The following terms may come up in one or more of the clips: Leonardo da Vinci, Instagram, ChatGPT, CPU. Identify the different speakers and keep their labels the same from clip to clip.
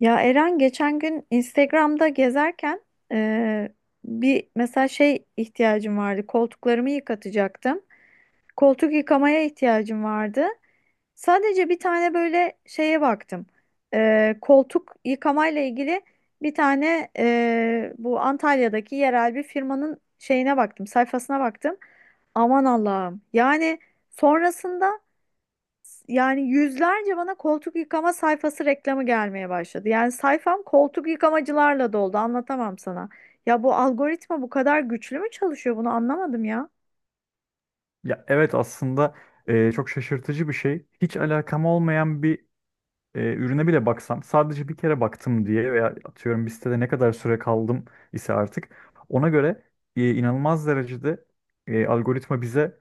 Speaker 1: Ya Eren geçen gün Instagram'da gezerken eee, bir mesela şey ihtiyacım vardı. Koltuklarımı yıkatacaktım. Koltuk yıkamaya ihtiyacım vardı. Sadece bir tane böyle şeye baktım. Koltuk yıkamayla ilgili bir tane bu Antalya'daki yerel bir firmanın şeyine baktım, sayfasına baktım. Aman Allah'ım. Yani sonrasında yani yüzlerce bana koltuk yıkama sayfası reklamı gelmeye başladı. Yani sayfam koltuk yıkamacılarla doldu. Anlatamam sana. Ya bu algoritma bu kadar güçlü mü çalışıyor? Bunu anlamadım ya.
Speaker 2: Ya evet aslında çok şaşırtıcı bir şey. Hiç alakam olmayan bir ürüne bile baksam sadece bir kere baktım diye veya atıyorum bir sitede ne kadar süre kaldım ise artık ona göre inanılmaz derecede algoritma bize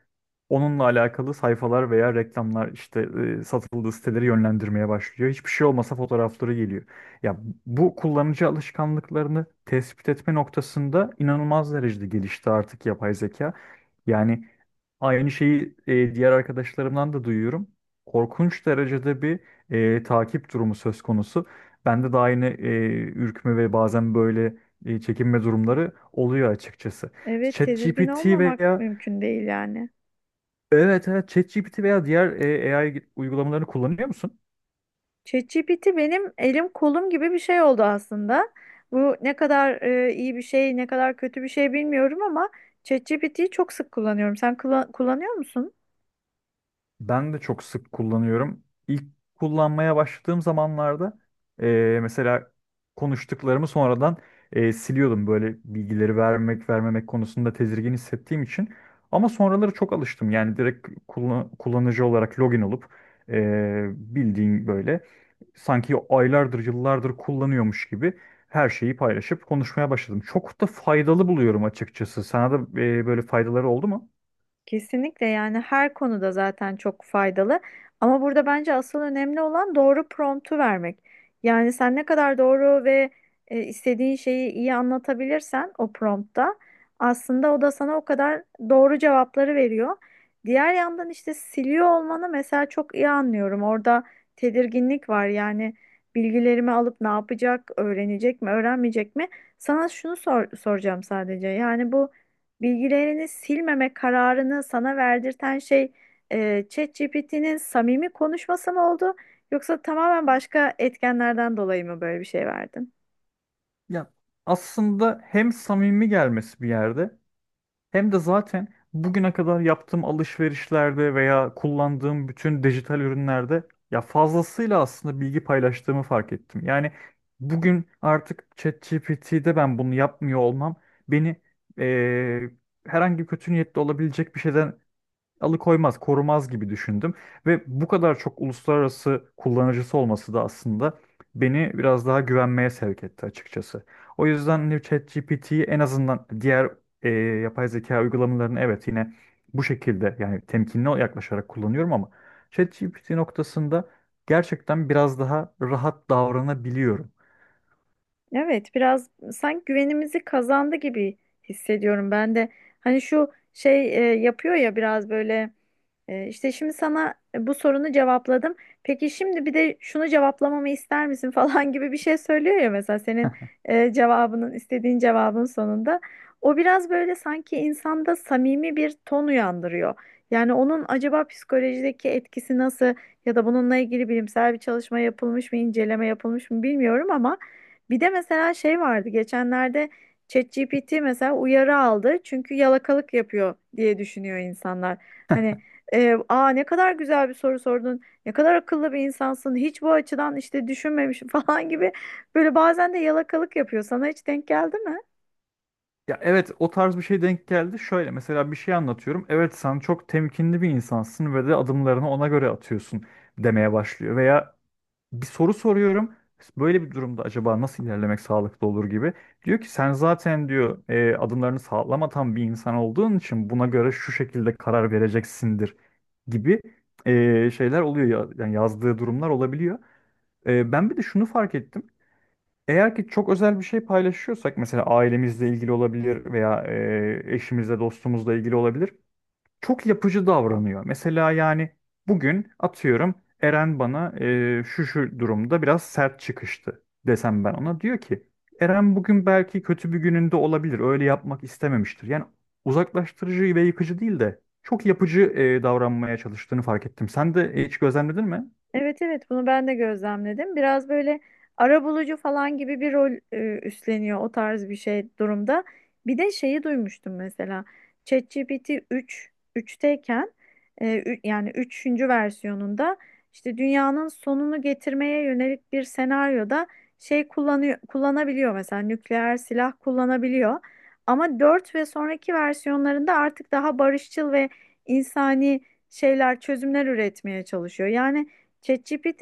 Speaker 2: onunla alakalı sayfalar veya reklamlar işte satıldığı siteleri yönlendirmeye başlıyor. Hiçbir şey olmasa fotoğrafları geliyor. Ya bu kullanıcı alışkanlıklarını tespit etme noktasında inanılmaz derecede gelişti artık yapay zeka. Yani aynı şeyi diğer arkadaşlarımdan da duyuyorum. Korkunç derecede bir takip durumu söz konusu. Bende de aynı ürkme ve bazen böyle çekinme durumları oluyor açıkçası.
Speaker 1: Evet, tedirgin
Speaker 2: ChatGPT
Speaker 1: olmamak
Speaker 2: veya
Speaker 1: mümkün değil yani.
Speaker 2: Evet, evet, ChatGPT veya diğer AI uygulamalarını kullanıyor musun?
Speaker 1: ChatGPT benim elim kolum gibi bir şey oldu aslında. Bu ne kadar iyi bir şey, ne kadar kötü bir şey bilmiyorum ama ChatGPT'yi çok sık kullanıyorum. Kullanıyor musun?
Speaker 2: Ben de çok sık kullanıyorum. İlk kullanmaya başladığım zamanlarda mesela konuştuklarımı sonradan siliyordum. Böyle bilgileri vermek vermemek konusunda tedirgin hissettiğim için. Ama sonraları çok alıştım. Yani direkt kullanıcı olarak login olup bildiğin böyle sanki aylardır yıllardır kullanıyormuş gibi her şeyi paylaşıp konuşmaya başladım. Çok da faydalı buluyorum açıkçası. Sana da böyle faydaları oldu mu?
Speaker 1: Kesinlikle yani her konuda zaten çok faydalı. Ama burada bence asıl önemli olan doğru promptu vermek. Yani sen ne kadar doğru ve istediğin şeyi iyi anlatabilirsen o promptta aslında o da sana o kadar doğru cevapları veriyor. Diğer yandan işte siliyor olmanı mesela çok iyi anlıyorum. Orada tedirginlik var. Yani bilgilerimi alıp ne yapacak, öğrenecek mi, öğrenmeyecek mi? Soracağım sadece. Yani bu bilgilerini silmeme kararını sana verdirten şey ChatGPT'nin samimi konuşması mı oldu yoksa tamamen başka etkenlerden dolayı mı böyle bir şey verdin?
Speaker 2: Ya aslında hem samimi gelmesi bir yerde hem de zaten bugüne kadar yaptığım alışverişlerde veya kullandığım bütün dijital ürünlerde ya fazlasıyla aslında bilgi paylaştığımı fark ettim. Yani bugün artık ChatGPT'de ben bunu yapmıyor olmam beni eee, herhangi kötü niyetli olabilecek bir şeyden alıkoymaz, korumaz gibi düşündüm. Ve bu kadar çok uluslararası kullanıcısı olması da aslında beni biraz daha güvenmeye sevk etti açıkçası. O yüzden hani ChatGPT'yi en azından diğer yapay zeka uygulamalarını, evet, yine bu şekilde yani temkinli yaklaşarak kullanıyorum ama ChatGPT noktasında gerçekten biraz daha rahat davranabiliyorum.
Speaker 1: Evet, biraz sanki güvenimizi kazandı gibi hissediyorum ben de. Hani şu şey yapıyor ya biraz böyle. İşte şimdi sana bu sorunu cevapladım. Peki şimdi bir de şunu cevaplamamı ister misin falan gibi bir şey söylüyor ya mesela senin e, cevabının istediğin cevabın sonunda. O biraz böyle sanki insanda samimi bir ton uyandırıyor. Yani onun acaba psikolojideki etkisi nasıl ya da bununla ilgili bilimsel bir çalışma yapılmış mı, inceleme yapılmış mı bilmiyorum ama bir de mesela şey vardı geçenlerde. ChatGPT mesela uyarı aldı çünkü yalakalık yapıyor diye düşünüyor insanlar. Hani aa, ne kadar güzel bir soru sordun. Ne kadar akıllı bir insansın. Hiç bu açıdan işte düşünmemişim falan gibi. Böyle bazen de yalakalık yapıyor. Sana hiç denk geldi mi?
Speaker 2: Ya evet o tarz bir şey denk geldi. Şöyle mesela bir şey anlatıyorum. Evet sen çok temkinli bir insansın ve de adımlarını ona göre atıyorsun demeye başlıyor. Veya bir soru soruyorum. Böyle bir durumda acaba nasıl ilerlemek sağlıklı olur gibi. Diyor ki sen zaten diyor adımlarını sağlam atan bir insan olduğun için buna göre şu şekilde karar vereceksindir gibi şeyler oluyor. Yani yazdığı durumlar olabiliyor. Ben bir de şunu fark ettim. Eğer ki çok özel bir şey paylaşıyorsak mesela ailemizle ilgili olabilir veya eşimizle dostumuzla ilgili olabilir. Çok yapıcı davranıyor. Mesela yani bugün atıyorum Eren bana şu şu durumda biraz sert çıkıştı desem ben ona. Diyor ki Eren bugün belki kötü bir gününde olabilir öyle yapmak istememiştir. Yani uzaklaştırıcı ve yıkıcı değil de çok yapıcı davranmaya çalıştığını fark ettim. Sen de hiç gözlemledin mi?
Speaker 1: Evet, evet, bunu ben de gözlemledim. Biraz böyle arabulucu falan gibi bir rol üstleniyor o tarz bir şey durumda. Bir de şeyi duymuştum mesela. ChatGPT 3'teyken e, yani üçüncü versiyonunda işte dünyanın sonunu getirmeye yönelik bir senaryoda şey kullanabiliyor, mesela nükleer silah kullanabiliyor. Ama 4 ve sonraki versiyonlarında artık daha barışçıl ve insani çözümler üretmeye çalışıyor. Yani ChatGPT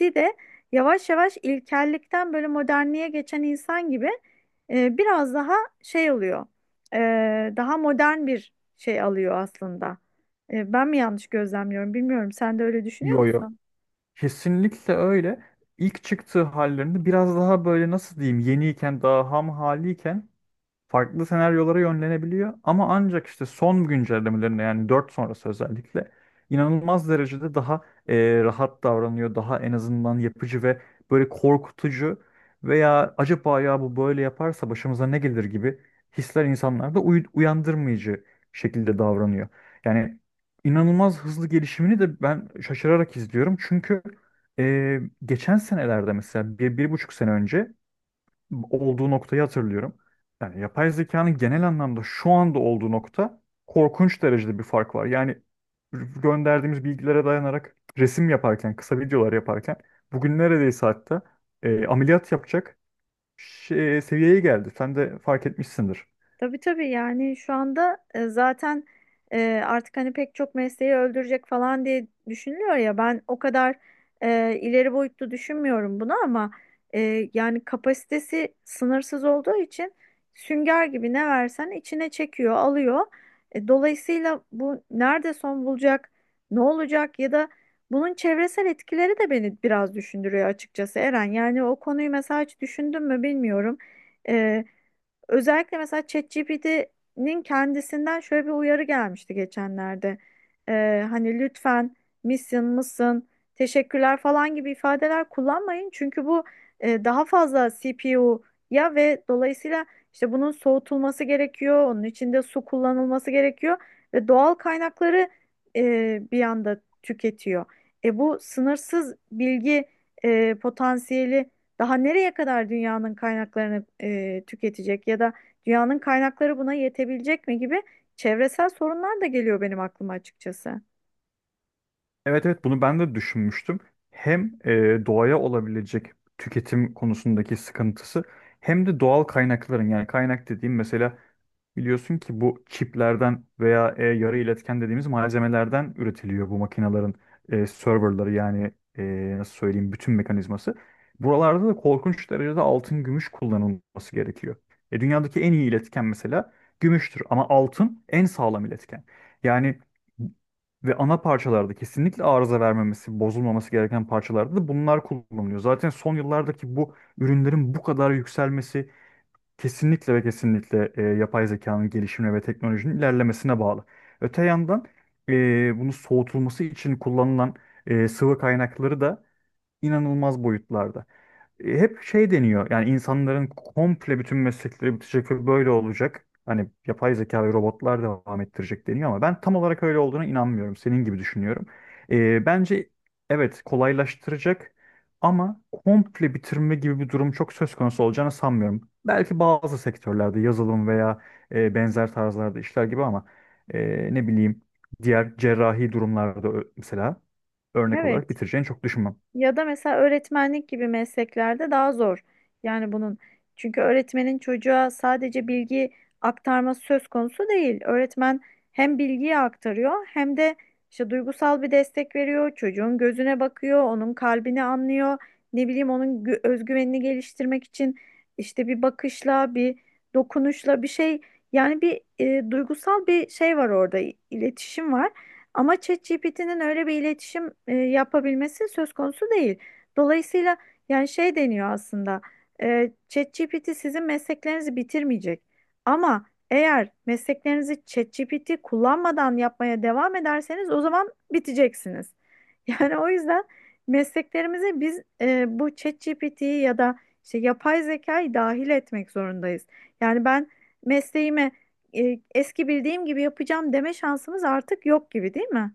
Speaker 1: de yavaş yavaş ilkellikten böyle modernliğe geçen insan gibi biraz daha şey oluyor. E, Daha modern bir şey alıyor aslında. Ben mi yanlış gözlemliyorum bilmiyorum. Sen de öyle düşünüyor
Speaker 2: Yo, yo.
Speaker 1: musun?
Speaker 2: Kesinlikle öyle. İlk çıktığı hallerinde biraz daha böyle nasıl diyeyim yeniyken daha ham haliyken farklı senaryolara yönlenebiliyor ama ancak işte son güncellemelerinde yani 4 sonrası özellikle inanılmaz derecede daha rahat davranıyor. Daha en azından yapıcı ve böyle korkutucu veya acaba ya bu böyle yaparsa başımıza ne gelir gibi hisler insanlarda uyandırmayıcı şekilde davranıyor. Yani inanılmaz hızlı gelişimini de ben şaşırarak izliyorum. Çünkü geçen senelerde mesela bir, bir buçuk sene önce olduğu noktayı hatırlıyorum. Yani yapay zekanın genel anlamda şu anda olduğu nokta korkunç derecede bir fark var. Yani gönderdiğimiz bilgilere dayanarak resim yaparken, kısa videolar yaparken bugün neredeyse hatta ameliyat yapacak şey, seviyeye geldi. Sen de fark etmişsindir.
Speaker 1: Tabii, tabii, yani şu anda zaten artık hani pek çok mesleği öldürecek falan diye düşünülüyor ya, ben o kadar ileri boyutlu düşünmüyorum bunu ama yani kapasitesi sınırsız olduğu için sünger gibi ne versen içine çekiyor, alıyor. Dolayısıyla bu nerede son bulacak, ne olacak ya da bunun çevresel etkileri de beni biraz düşündürüyor açıkçası Eren. Yani o konuyu mesela hiç düşündün mü bilmiyorum. Özellikle mesela ChatGPT'nin kendisinden şöyle bir uyarı gelmişti geçenlerde. Hani lütfen, misin, mısın, teşekkürler falan gibi ifadeler kullanmayın. Çünkü bu daha fazla CPU'ya ve dolayısıyla işte bunun soğutulması gerekiyor. Onun içinde su kullanılması gerekiyor ve doğal kaynakları bir anda tüketiyor. Bu sınırsız bilgi potansiyeli daha nereye kadar dünyanın kaynaklarını tüketecek ya da dünyanın kaynakları buna yetebilecek mi gibi çevresel sorunlar da geliyor benim aklıma açıkçası.
Speaker 2: Evet, evet, bunu ben de düşünmüştüm. Hem doğaya olabilecek tüketim konusundaki sıkıntısı hem de doğal kaynakların yani kaynak dediğim mesela biliyorsun ki bu çiplerden veya yarı iletken dediğimiz malzemelerden üretiliyor bu makinelerin serverları yani nasıl söyleyeyim bütün mekanizması. Buralarda da korkunç derecede altın gümüş kullanılması gerekiyor. Dünyadaki en iyi iletken mesela gümüştür ama altın en sağlam iletken. Yani ve ana parçalarda kesinlikle arıza vermemesi, bozulmaması gereken parçalarda da bunlar kullanılıyor. Zaten son yıllardaki bu ürünlerin bu kadar yükselmesi kesinlikle ve kesinlikle yapay zekanın gelişimine ve teknolojinin ilerlemesine bağlı. Öte yandan bunu soğutulması için kullanılan sıvı kaynakları da inanılmaz boyutlarda hep şey deniyor. Yani insanların komple bütün meslekleri bitecek ve böyle olacak. Hani yapay zeka ve robotlar devam ettirecek deniyor ama ben tam olarak öyle olduğuna inanmıyorum. Senin gibi düşünüyorum. Bence evet kolaylaştıracak ama komple bitirme gibi bir durum çok söz konusu olacağını sanmıyorum. Belki bazı sektörlerde yazılım veya benzer tarzlarda işler gibi ama ne bileyim diğer cerrahi durumlarda mesela örnek olarak
Speaker 1: Evet.
Speaker 2: bitireceğini çok düşünmem.
Speaker 1: Ya da mesela öğretmenlik gibi mesleklerde daha zor. Yani bunun, çünkü öğretmenin çocuğa sadece bilgi aktarması söz konusu değil. Öğretmen hem bilgiyi aktarıyor hem de işte duygusal bir destek veriyor. Çocuğun gözüne bakıyor, onun kalbini anlıyor. Ne bileyim onun özgüvenini geliştirmek için işte bir bakışla, bir dokunuşla bir şey, yani bir duygusal bir şey var orada, iletişim var. Ama ChatGPT'nin öyle bir iletişim yapabilmesi söz konusu değil. Dolayısıyla yani şey deniyor aslında. ChatGPT sizin mesleklerinizi bitirmeyecek. Ama eğer mesleklerinizi ChatGPT kullanmadan yapmaya devam ederseniz o zaman biteceksiniz. Yani o yüzden mesleklerimize biz bu ChatGPT'yi ya da işte yapay zekayı dahil etmek zorundayız. Yani ben mesleğime eski bildiğim gibi yapacağım deme şansımız artık yok gibi, değil mi?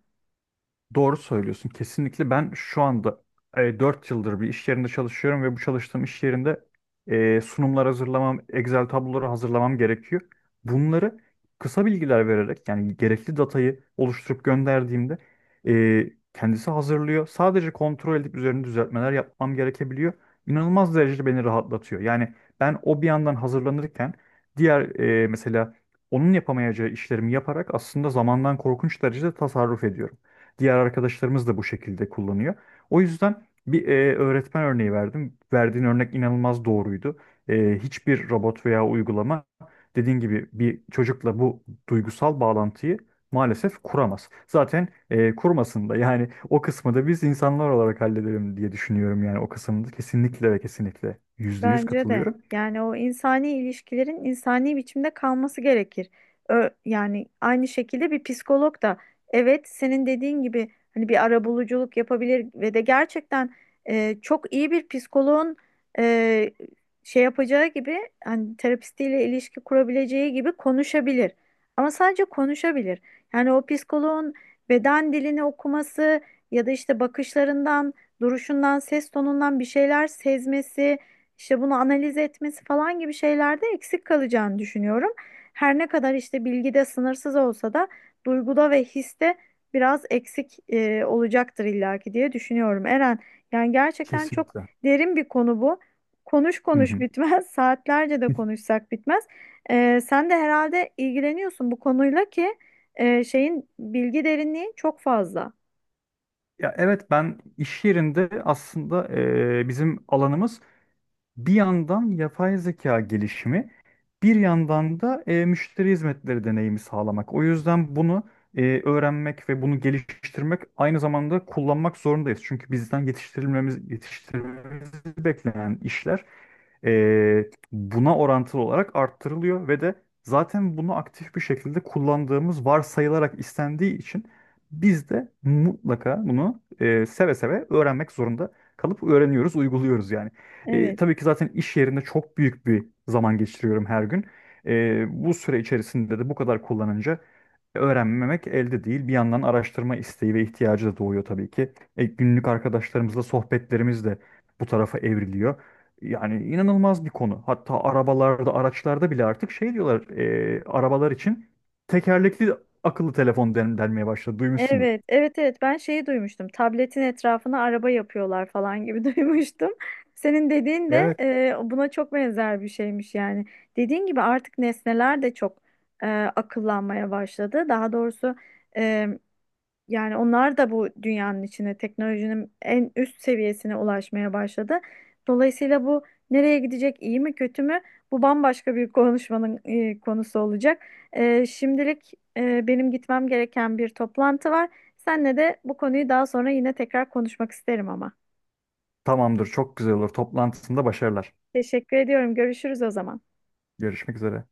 Speaker 2: Doğru söylüyorsun. Kesinlikle ben şu anda 4 yıldır bir iş yerinde çalışıyorum ve bu çalıştığım iş yerinde sunumlar hazırlamam, Excel tabloları hazırlamam gerekiyor. Bunları kısa bilgiler vererek yani gerekli datayı oluşturup gönderdiğimde kendisi hazırlıyor. Sadece kontrol edip üzerine düzeltmeler yapmam gerekebiliyor. İnanılmaz derecede beni rahatlatıyor. Yani ben o bir yandan hazırlanırken diğer mesela onun yapamayacağı işlerimi yaparak aslında zamandan korkunç derecede tasarruf ediyorum. Diğer arkadaşlarımız da bu şekilde kullanıyor. O yüzden bir öğretmen örneği verdim. Verdiğin örnek inanılmaz doğruydu. Hiçbir robot veya uygulama dediğin gibi bir çocukla bu duygusal bağlantıyı maalesef kuramaz. Zaten kurmasın da yani o kısmı da biz insanlar olarak halledelim diye düşünüyorum yani o kısımda kesinlikle ve kesinlikle %100
Speaker 1: Bence de.
Speaker 2: katılıyorum.
Speaker 1: Yani o insani ilişkilerin insani biçimde kalması gerekir. Yani aynı şekilde bir psikolog da evet senin dediğin gibi hani bir arabuluculuk yapabilir ve de gerçekten çok iyi bir psikoloğun e, şey yapacağı gibi hani terapistiyle ilişki kurabileceği gibi konuşabilir. Ama sadece konuşabilir. Yani o psikoloğun beden dilini okuması ya da işte bakışlarından, duruşundan, ses tonundan bir şeyler sezmesi, işte bunu analiz etmesi falan gibi şeylerde eksik kalacağını düşünüyorum. Her ne kadar işte bilgide sınırsız olsa da duyguda ve histe biraz eksik olacaktır illaki diye düşünüyorum. Eren, yani gerçekten çok
Speaker 2: Kesinlikle.
Speaker 1: derin bir konu bu. Konuş
Speaker 2: Hı
Speaker 1: konuş
Speaker 2: hı.
Speaker 1: bitmez, saatlerce de konuşsak bitmez. Sen de herhalde ilgileniyorsun bu konuyla ki şeyin bilgi derinliği çok fazla.
Speaker 2: Ya evet ben iş yerinde aslında bizim alanımız bir yandan yapay zeka gelişimi, bir yandan da müşteri hizmetleri deneyimi sağlamak. O yüzden bunu öğrenmek ve bunu geliştirmek aynı zamanda kullanmak zorundayız. Çünkü bizden yetiştirilmemiz beklenen işler buna orantılı olarak arttırılıyor ve de zaten bunu aktif bir şekilde kullandığımız varsayılarak istendiği için biz de mutlaka bunu seve seve öğrenmek zorunda kalıp öğreniyoruz, uyguluyoruz yani.
Speaker 1: Evet.
Speaker 2: Tabii ki zaten iş yerinde çok büyük bir zaman geçiriyorum her gün. Bu süre içerisinde de bu kadar kullanınca öğrenmemek elde değil. Bir yandan araştırma isteği ve ihtiyacı da doğuyor tabii ki. Günlük arkadaşlarımızla sohbetlerimiz de bu tarafa evriliyor. Yani inanılmaz bir konu. Hatta arabalarda, araçlarda bile artık şey diyorlar, arabalar için tekerlekli akıllı telefon denmeye başladı. Duymuşsundur.
Speaker 1: Evet, evet, evet. Ben şeyi duymuştum. Tabletin etrafına araba yapıyorlar falan gibi duymuştum. Senin dediğin de
Speaker 2: Evet.
Speaker 1: buna çok benzer bir şeymiş yani. Dediğin gibi artık nesneler de çok e, akıllanmaya başladı. Daha doğrusu yani onlar da bu dünyanın içine teknolojinin en üst seviyesine ulaşmaya başladı. Dolayısıyla bu nereye gidecek, iyi mi kötü mü? Bu bambaşka bir konuşmanın konusu olacak. Şimdilik benim gitmem gereken bir toplantı var. Seninle de bu konuyu daha sonra yine tekrar konuşmak isterim ama.
Speaker 2: Tamamdır, çok güzel olur. Toplantısında başarılar.
Speaker 1: Teşekkür ediyorum. Görüşürüz o zaman.
Speaker 2: Görüşmek üzere.